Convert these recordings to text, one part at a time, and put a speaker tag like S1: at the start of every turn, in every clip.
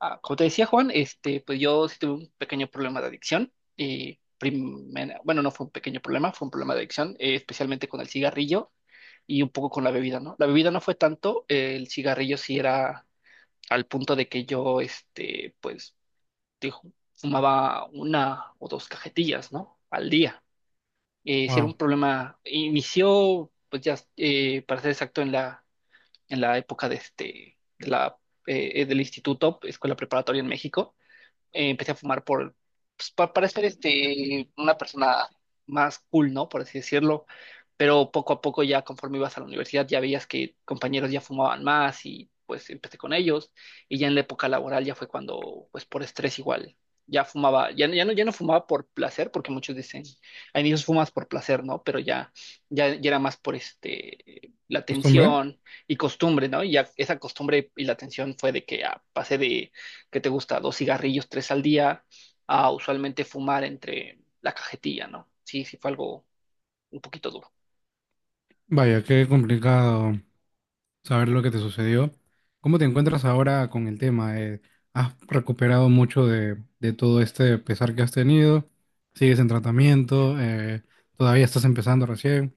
S1: Ah, como te decía Juan, pues yo sí tuve un pequeño problema de adicción. Y bueno, no fue un pequeño problema, fue un problema de adicción, especialmente con el cigarrillo y un poco con la bebida, ¿no? La bebida no fue tanto, el cigarrillo sí era al punto de que yo, dijo, fumaba una o dos cajetillas, ¿no? Al día. Sí era un
S2: Wow,
S1: problema, inició, pues ya, para ser exacto, en la época de de la, del instituto, escuela preparatoria en México, empecé a fumar por, pues, para ser una persona más cool, ¿no? Por así decirlo. Pero poco a poco ya conforme ibas a la universidad ya veías que compañeros ya fumaban más y pues empecé con ellos. Y ya en la época laboral ya fue cuando, pues por estrés igual, ya fumaba, ya, ya no fumaba por placer, porque muchos dicen, a inicios fumas por placer, ¿no? Pero ya era más por la
S2: costumbre.
S1: tensión y costumbre, ¿no? Y ya esa costumbre y la tensión fue de que pasé de, ¿qué te gusta? Dos cigarrillos, tres al día, a usualmente fumar entre la cajetilla, ¿no? Sí, sí fue algo un poquito duro.
S2: Vaya, qué complicado saber lo que te sucedió. ¿Cómo te encuentras ahora con el tema? ¿Has recuperado mucho de todo este pesar que has tenido? ¿Sigues en tratamiento? ¿Todavía estás empezando recién?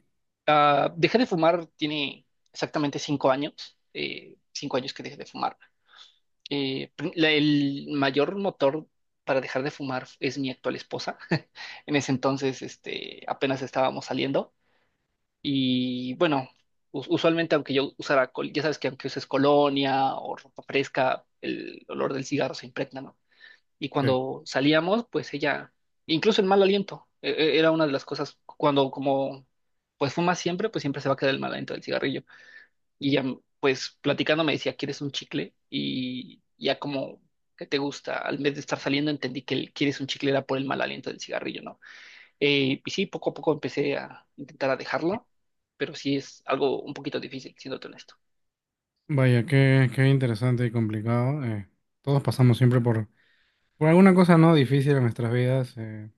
S1: Dejé de fumar, tiene exactamente 5 años. 5 años que dejé de fumar. El mayor motor para dejar de fumar es mi actual esposa. En ese entonces, apenas estábamos saliendo y bueno, usualmente aunque yo usara, ya sabes que aunque uses colonia o ropa fresca, el olor del cigarro se impregna, ¿no? Y
S2: Sí.
S1: cuando salíamos, pues ella, incluso el mal aliento, era una de las cosas, cuando como pues fumas siempre, pues siempre se va a quedar el mal aliento del cigarrillo. Y ella, pues platicando me decía, ¿quieres un chicle? Y ya como, ¿qué te gusta? Al vez de estar saliendo entendí que el quieres un chicle era por el mal aliento del cigarrillo, ¿no? Y sí, poco a poco empecé a intentar a dejarlo, pero sí es algo un poquito difícil, siéndote honesto.
S2: Vaya, qué interesante y complicado. Todos pasamos siempre por alguna cosa no difícil en nuestras vidas. Eh,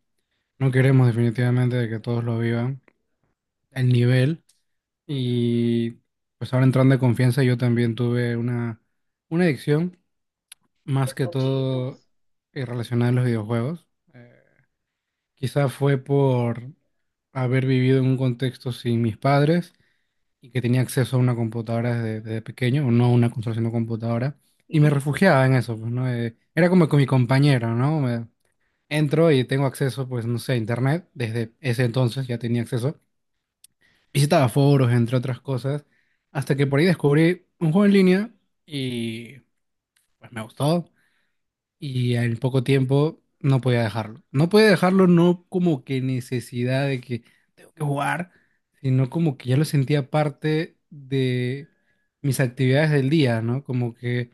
S2: no queremos definitivamente de que todos lo vivan al nivel. Y pues ahora entrando de confianza, yo también tuve una adicción, más que todo relacionada a los videojuegos. Eh, quizá fue por haber vivido en un contexto sin mis padres y que tenía acceso a una computadora desde pequeño, o no a una consola, sino computadora, y me
S1: Ujú,
S2: refugiaba en eso, pues, ¿no? Era como con mi compañero, ¿no? Entro y tengo acceso, pues, no sé, a internet, desde ese entonces ya tenía acceso visitaba foros, entre otras cosas, hasta que por ahí descubrí un juego en línea y pues me gustó y en poco tiempo no podía dejarlo. No podía dejarlo no como que necesidad de que tengo que jugar, sino como que ya lo sentía parte de mis actividades del día, ¿no? Como que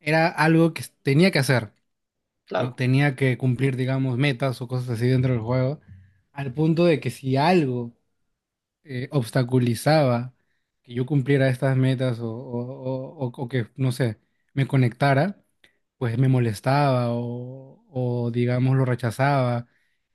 S2: era algo que tenía que hacer, ¿no?
S1: claro.
S2: Tenía que cumplir, digamos, metas o cosas así dentro del juego, al punto de que si algo obstaculizaba que yo cumpliera estas metas o que, no sé, me conectara, pues me molestaba o, digamos, lo rechazaba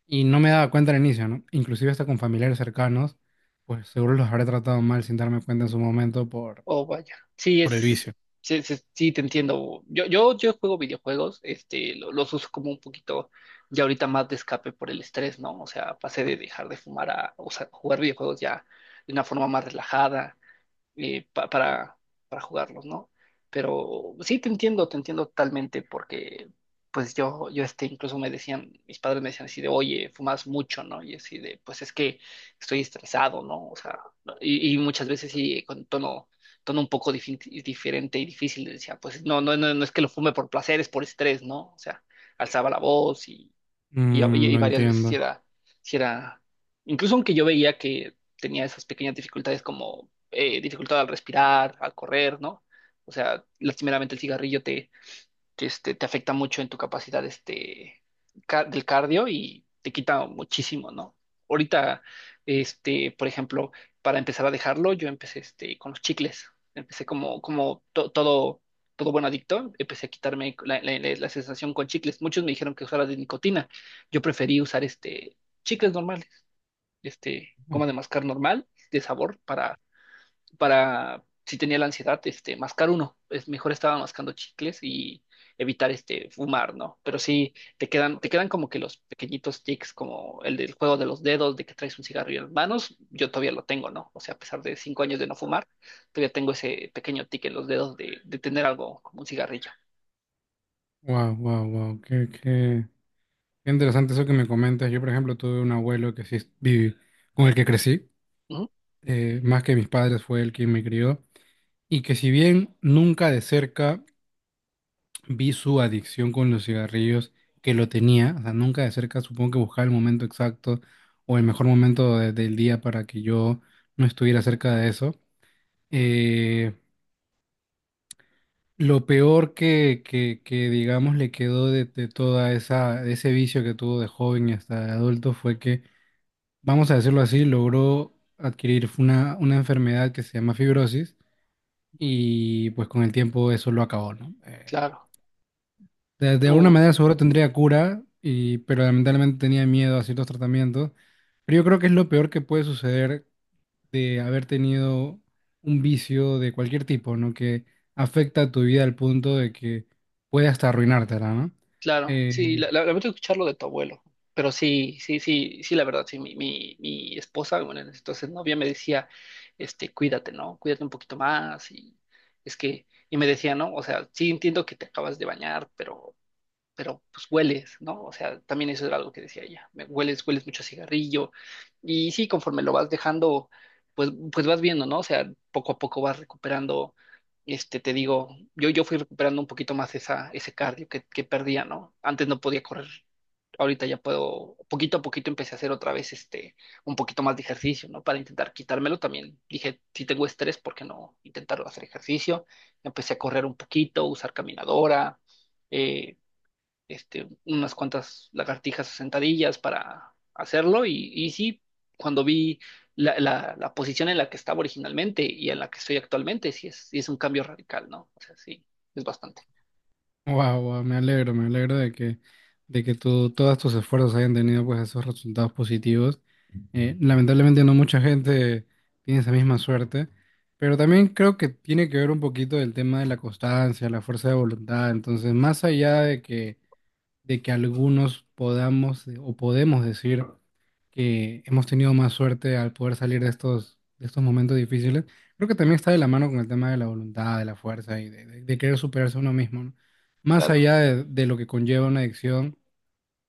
S2: y no me daba cuenta al inicio, ¿no? Inclusive hasta con familiares cercanos, pues seguro los habré tratado mal sin darme cuenta en su momento por,
S1: Oh, vaya. Sí,
S2: por el
S1: es,
S2: vicio.
S1: sí, sí, sí, te entiendo. Yo juego videojuegos, los uso como un poquito, ya ahorita más de escape por el estrés, ¿no? O sea, pasé de dejar de fumar a, o sea, jugar videojuegos ya de una forma más relajada, eh, pa- para, para jugarlos, ¿no? Pero sí te entiendo totalmente, porque pues incluso me decían, mis padres me decían así de, oye, fumas mucho, ¿no? Y así de, pues es que estoy estresado, ¿no? O sea, ¿no? Y muchas veces sí, con tono, un poco diferente y difícil, les decía, pues no, no, no, no es que lo fume por placer, es por estrés, ¿no? O sea, alzaba la voz y y, y-
S2: Mm,
S1: y
S2: lo
S1: varias veces sí
S2: entiendo.
S1: era, sí era, incluso aunque yo veía que tenía esas pequeñas dificultades como dificultad al respirar, al correr, ¿no? O sea, lastimeramente el cigarrillo que te afecta mucho en tu capacidad, del cardio y te quita muchísimo, ¿no? Ahorita, por ejemplo, para empezar a dejarlo, yo empecé con los chicles. Empecé como todo buen adicto, empecé a quitarme la sensación con chicles. Muchos me dijeron que usara de nicotina. Yo preferí usar chicles normales, goma de mascar normal, de sabor, para si tenía la ansiedad, mascar uno. Es mejor estaba mascando chicles y evitar fumar, ¿no? Pero sí te quedan como que los pequeñitos tics, como el del juego de los dedos, de que traes un cigarrillo en las manos, yo todavía lo tengo, ¿no? O sea, a pesar de 5 años de no fumar, todavía tengo ese pequeño tic en los dedos de, tener algo como un cigarrillo.
S2: Wow, wow, wow. Qué interesante eso que me comentas. Yo, por ejemplo, tuve un abuelo que sí viví, con el que crecí.
S1: Ujú,
S2: Más que mis padres, fue el quien me crió, y que si bien nunca de cerca vi su adicción con los cigarrillos, que lo tenía, o sea, nunca de cerca supongo que buscaba el momento exacto o el mejor momento del día para que yo no estuviera cerca de eso. Eh, lo peor que, digamos, le quedó de ese vicio que tuvo de joven y hasta de adulto fue que, vamos a decirlo así, logró adquirir una enfermedad que se llama fibrosis y pues con el tiempo eso lo acabó, ¿no? Eh,
S1: claro.
S2: de, de alguna
S1: Uh,
S2: manera seguro tendría cura, pero lamentablemente tenía miedo a ciertos tratamientos. Pero yo creo que es lo peor que puede suceder de haber tenido un vicio de cualquier tipo, ¿no? Que afecta a tu vida al punto de que puede hasta arruinártela, ¿no?
S1: Claro, sí,
S2: Eh,
S1: lamento escucharlo de tu abuelo, pero sí, sí, sí, sí, la verdad, sí, mi esposa, bueno, en ese entonces novia me decía, cuídate, ¿no? Cuídate un poquito más y es que, y me decía, no, o sea, sí entiendo que te acabas de bañar, pero pues hueles, ¿no? O sea, también eso era algo que decía ella, hueles, mucho a cigarrillo, y sí, conforme lo vas dejando, pues vas viendo, ¿no? O sea, poco a poco vas recuperando, te digo, yo fui recuperando un poquito más esa, ese cardio que perdía, ¿no? Antes no podía correr, ahorita ya puedo, poquito a poquito empecé a hacer otra vez, un poquito más de ejercicio, ¿no? Para intentar quitármelo también, dije, si tengo estrés, ¿por qué no intentar hacer ejercicio? Empecé a correr un poquito, usar caminadora, eh, unas cuantas lagartijas sentadillas para hacerlo y sí, cuando vi la posición en la que estaba originalmente y en la que estoy actualmente, sí es un cambio radical, ¿no? O sea, sí, es bastante.
S2: Wow, me alegro de que tú, todos tus esfuerzos hayan tenido pues esos resultados positivos. Lamentablemente no mucha gente tiene esa misma suerte, pero también creo que tiene que ver un poquito del tema de la constancia, la fuerza de voluntad. Entonces, más allá de que algunos podamos o podemos decir que hemos tenido más suerte al poder salir de estos momentos difíciles, creo que también está de la mano con el tema de la voluntad, de la fuerza y de querer superarse uno mismo, ¿no? Más
S1: Claro,
S2: allá de lo que conlleva una adicción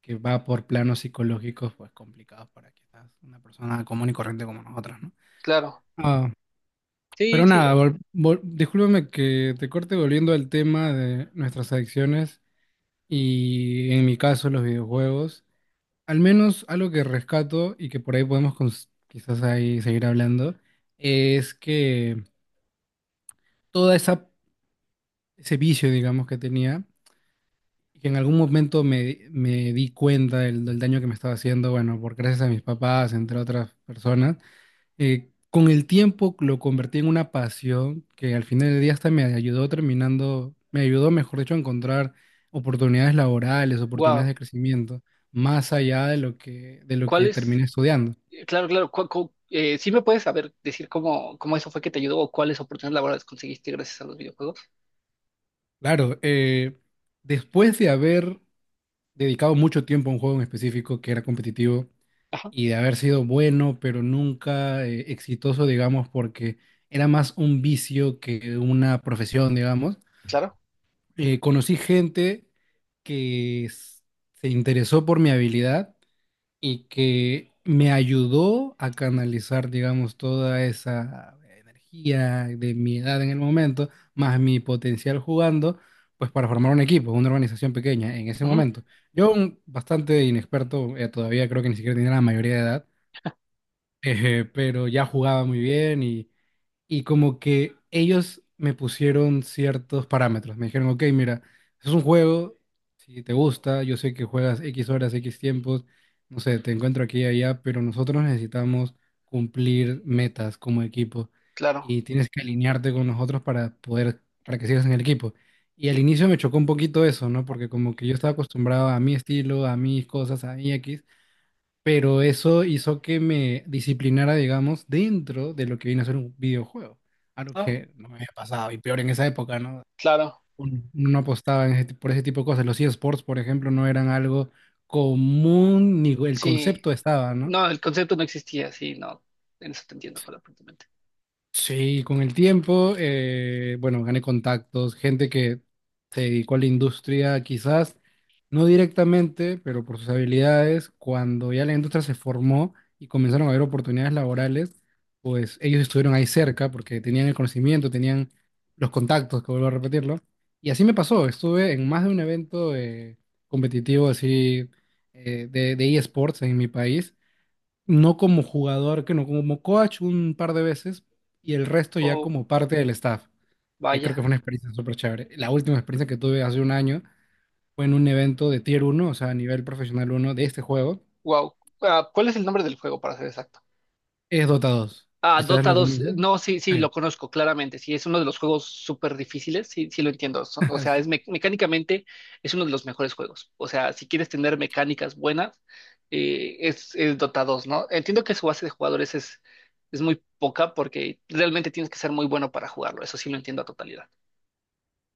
S2: que va por planos psicológicos, pues complicados para quizás una persona común y corriente como nosotros, ¿no?
S1: claro.
S2: Ah,
S1: Sí,
S2: pero
S1: sí,
S2: nada, discúlpame que te corte volviendo al tema de nuestras adicciones y en mi caso los videojuegos. Al menos algo que rescato y que por ahí podemos quizás ahí seguir hablando, es que todo esa, ese vicio, digamos, que tenía, y que en algún momento me di cuenta del daño que me estaba haciendo, bueno, por gracias a mis papás, entre otras personas, con el tiempo lo convertí en una pasión que al final del día hasta me ayudó, mejor dicho, a encontrar oportunidades laborales, oportunidades
S1: wow.
S2: de crecimiento, más allá de lo que, de lo
S1: ¿Cuál
S2: que
S1: es?
S2: terminé estudiando.
S1: Claro, claro. ¿Sí me puedes saber decir cómo eso fue que te ayudó o cuáles oportunidades laborales conseguiste gracias a los videojuegos?
S2: Claro, después de haber dedicado mucho tiempo a un juego en específico que era competitivo
S1: Ajá,
S2: y de haber sido bueno, pero nunca exitoso, digamos, porque era más un vicio que una profesión, digamos,
S1: claro.
S2: conocí gente que s- se interesó por mi habilidad y que me ayudó a canalizar, digamos, toda esa energía de mi edad en el momento, más mi potencial jugando, pues para formar un equipo, una organización pequeña en ese
S1: Ujú,
S2: momento. Yo, bastante inexperto, todavía creo que ni siquiera tenía la mayoría de edad, pero ya jugaba muy bien y como que ellos me pusieron ciertos parámetros. Me dijeron, ok, mira, es un juego, si te gusta, yo sé que juegas X horas, X tiempos, no sé, te encuentro aquí y allá, pero nosotros necesitamos cumplir metas como equipo
S1: claro.
S2: y tienes que alinearte con nosotros para que sigas en el equipo. Y al inicio me chocó un poquito eso, ¿no? Porque como que yo estaba acostumbrado a mi estilo, a mis cosas, a mi X, pero eso hizo que me disciplinara, digamos, dentro de lo que viene a ser un videojuego. Algo
S1: Ah,
S2: que no me había pasado, y peor en esa época, ¿no?
S1: claro.
S2: Uno no apostaba en ese por ese tipo de cosas. Los eSports, por ejemplo, no eran algo común, ni el
S1: Sí.
S2: concepto estaba, ¿no?
S1: No, el concepto no existía, sí, no. En eso te entiendo completamente.
S2: Sí, con el tiempo, bueno, gané contactos, gente que se dedicó a la industria, quizás no directamente, pero por sus habilidades, cuando ya la industria se formó y comenzaron a haber oportunidades laborales, pues ellos estuvieron ahí cerca porque tenían el conocimiento, tenían los contactos, que vuelvo a repetirlo. Y así me pasó, estuve en más de un evento competitivo así de eSports en mi país no como jugador, que no como coach un par de veces y el resto ya
S1: Oh,
S2: como parte del staff, que creo que
S1: vaya.
S2: fue una experiencia súper chévere. La última experiencia que tuve hace un año fue en un evento de Tier uno o sea, a nivel profesional uno de este juego,
S1: Wow. Ah, ¿cuál es el nombre del juego, para ser exacto?
S2: es Dota 2.
S1: Ah,
S2: Quizás
S1: Dota
S2: lo
S1: 2.
S2: conoces.
S1: No, sí, sí,
S2: Sí.
S1: lo conozco claramente. Sí, es uno de los juegos súper difíciles. Sí, sí, lo entiendo. O sea, es mecánicamente es uno de los mejores juegos. O sea, si quieres tener mecánicas buenas, es, Dota 2, ¿no? Entiendo que su base de jugadores es muy poca porque realmente tienes que ser muy bueno para jugarlo. Eso sí lo entiendo a totalidad.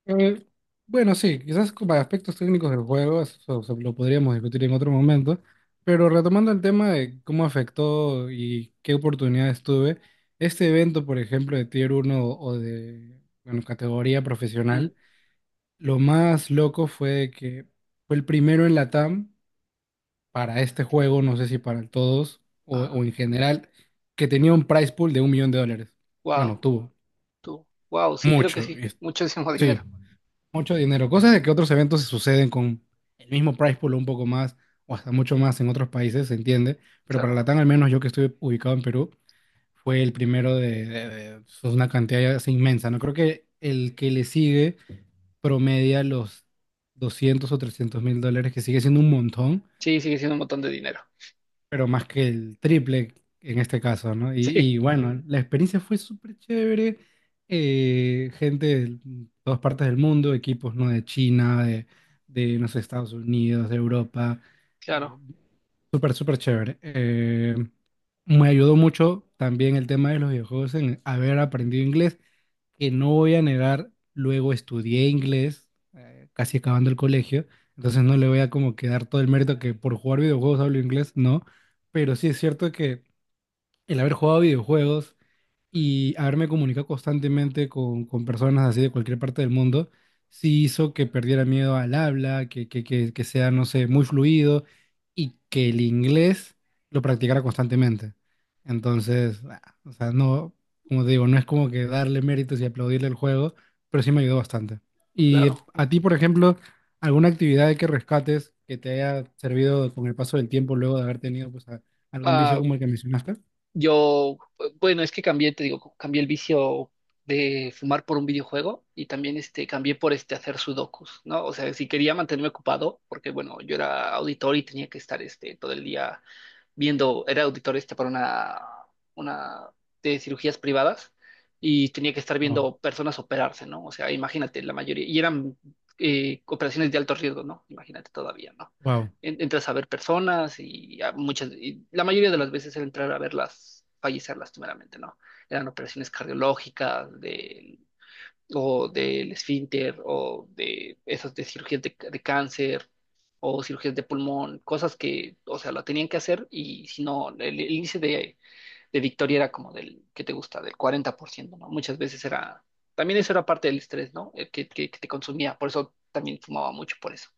S2: Eh, bueno, sí, quizás para aspectos técnicos del juego, eso lo podríamos discutir en otro momento, pero retomando el tema de cómo afectó y qué oportunidades tuve, este evento, por ejemplo, de Tier uno o de, bueno, categoría
S1: Mm,
S2: profesional, lo más loco fue que fue el primero en Latam para este juego, no sé si para todos o,
S1: ah,
S2: o en general, que tenía un prize pool de 1 millón de dólares. Bueno,
S1: wow.
S2: tuvo
S1: Tú. Wow, sí, creo que
S2: mucho,
S1: sí. Muchísimo
S2: sí.
S1: dinero,
S2: Mucho dinero. Cosas de que otros eventos se suceden con el mismo price pool o un poco más, o hasta mucho más en otros países, se entiende. Pero para
S1: claro.
S2: Latam, al menos yo que estuve ubicado en Perú, fue el primero . Es una cantidad ya inmensa. No creo que el que le sigue promedia los 200.000 o 300.000 dólares, que sigue siendo un montón,
S1: Sí, sigue siendo un montón de dinero.
S2: pero más que el triple en este caso, ¿no? Y,
S1: Sí,
S2: y bueno, la experiencia fue súper chévere. Gente de todas partes del mundo, equipos, ¿no? De China, de no sé, Estados Unidos, de Europa. eh,
S1: claro,
S2: súper, súper chévere. Me ayudó mucho también el tema de los videojuegos en haber aprendido inglés que no voy a negar, luego estudié inglés, casi acabando el colegio, entonces no le voy a como que dar todo el mérito que por jugar videojuegos hablo inglés, no, pero sí es cierto que el haber jugado videojuegos y haberme comunicado constantemente con personas así de cualquier parte del mundo, sí hizo que perdiera miedo al habla, que sea, no sé, muy fluido y que el inglés lo practicara constantemente. Entonces, ah, o sea, no, como te digo, no es como que darle méritos y aplaudirle el juego, pero sí me ayudó bastante. Y
S1: claro.
S2: a ti, por ejemplo, ¿alguna actividad que rescates que te haya servido con el paso del tiempo luego de haber tenido pues, algún vicio
S1: Ah,
S2: como el que mencionaste?
S1: yo, bueno, es que cambié, te digo, cambié el vicio de fumar por un videojuego y también cambié por hacer sudokus, ¿no? O sea, si quería mantenerme ocupado, porque bueno, yo era auditor y tenía que estar todo el día viendo, era auditor para una, de cirugías privadas y tenía que estar
S2: Wow,
S1: viendo personas operarse, ¿no? O sea, imagínate, la mayoría, y eran operaciones de alto riesgo, ¿no? Imagínate todavía, ¿no? Entras a ver personas y a muchas, y la mayoría de las veces era entrar a verlas fallecer lastimeramente, ¿no? Eran operaciones cardiológicas, de o del esfínter, o de esas de cirugías de, cáncer, o cirugías de pulmón, cosas que, o sea, la tenían que hacer y si no, el, índice de victoria era como del, ¿qué te gusta? Del 40%, ¿no? Muchas veces era, también eso era parte del estrés, ¿no? El que te consumía, por eso también fumaba mucho por eso.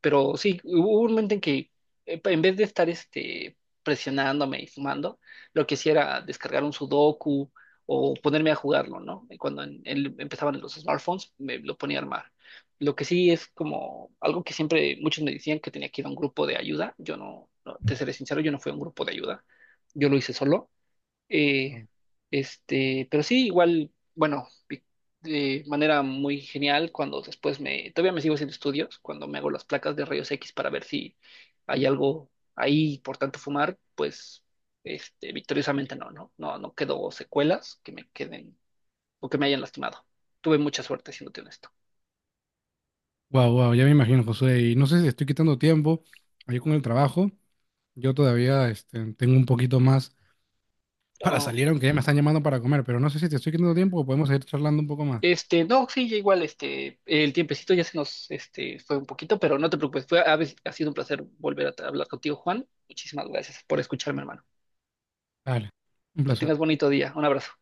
S1: Pero sí, hubo un momento en que en vez de estar presionándome y fumando, lo que hacía era descargar un sudoku o ponerme a jugarlo, ¿no? Y cuando empezaban los smartphones, me lo ponía a armar. Lo que sí es como algo que siempre muchos me decían que tenía que ir a un grupo de ayuda. Yo no, no, te seré sincero, yo no fui a un grupo de ayuda. Yo lo hice solo, eh,
S2: wow.
S1: pero sí, igual, bueno, de manera muy genial cuando después me, todavía me sigo haciendo estudios, cuando me hago las placas de rayos X para ver si hay algo ahí, por tanto fumar, pues, victoriosamente no, no, no, no quedó secuelas que me queden o que me hayan lastimado. Tuve mucha suerte, siéndote honesto.
S2: Wow, wow, ya me imagino, José. Y no sé si estoy quitando tiempo ahí con el trabajo. Yo todavía tengo un poquito más para
S1: Oh.
S2: salir, aunque ya me están llamando para comer, pero no sé si te estoy quitando tiempo o podemos seguir charlando un poco más.
S1: No, sí, ya igual, el tiempecito ya se nos, fue un poquito, pero no te preocupes, ha sido un placer volver a hablar contigo, Juan. Muchísimas gracias por escucharme, hermano.
S2: Dale, un
S1: Que
S2: placer.
S1: tengas bonito día. Un abrazo.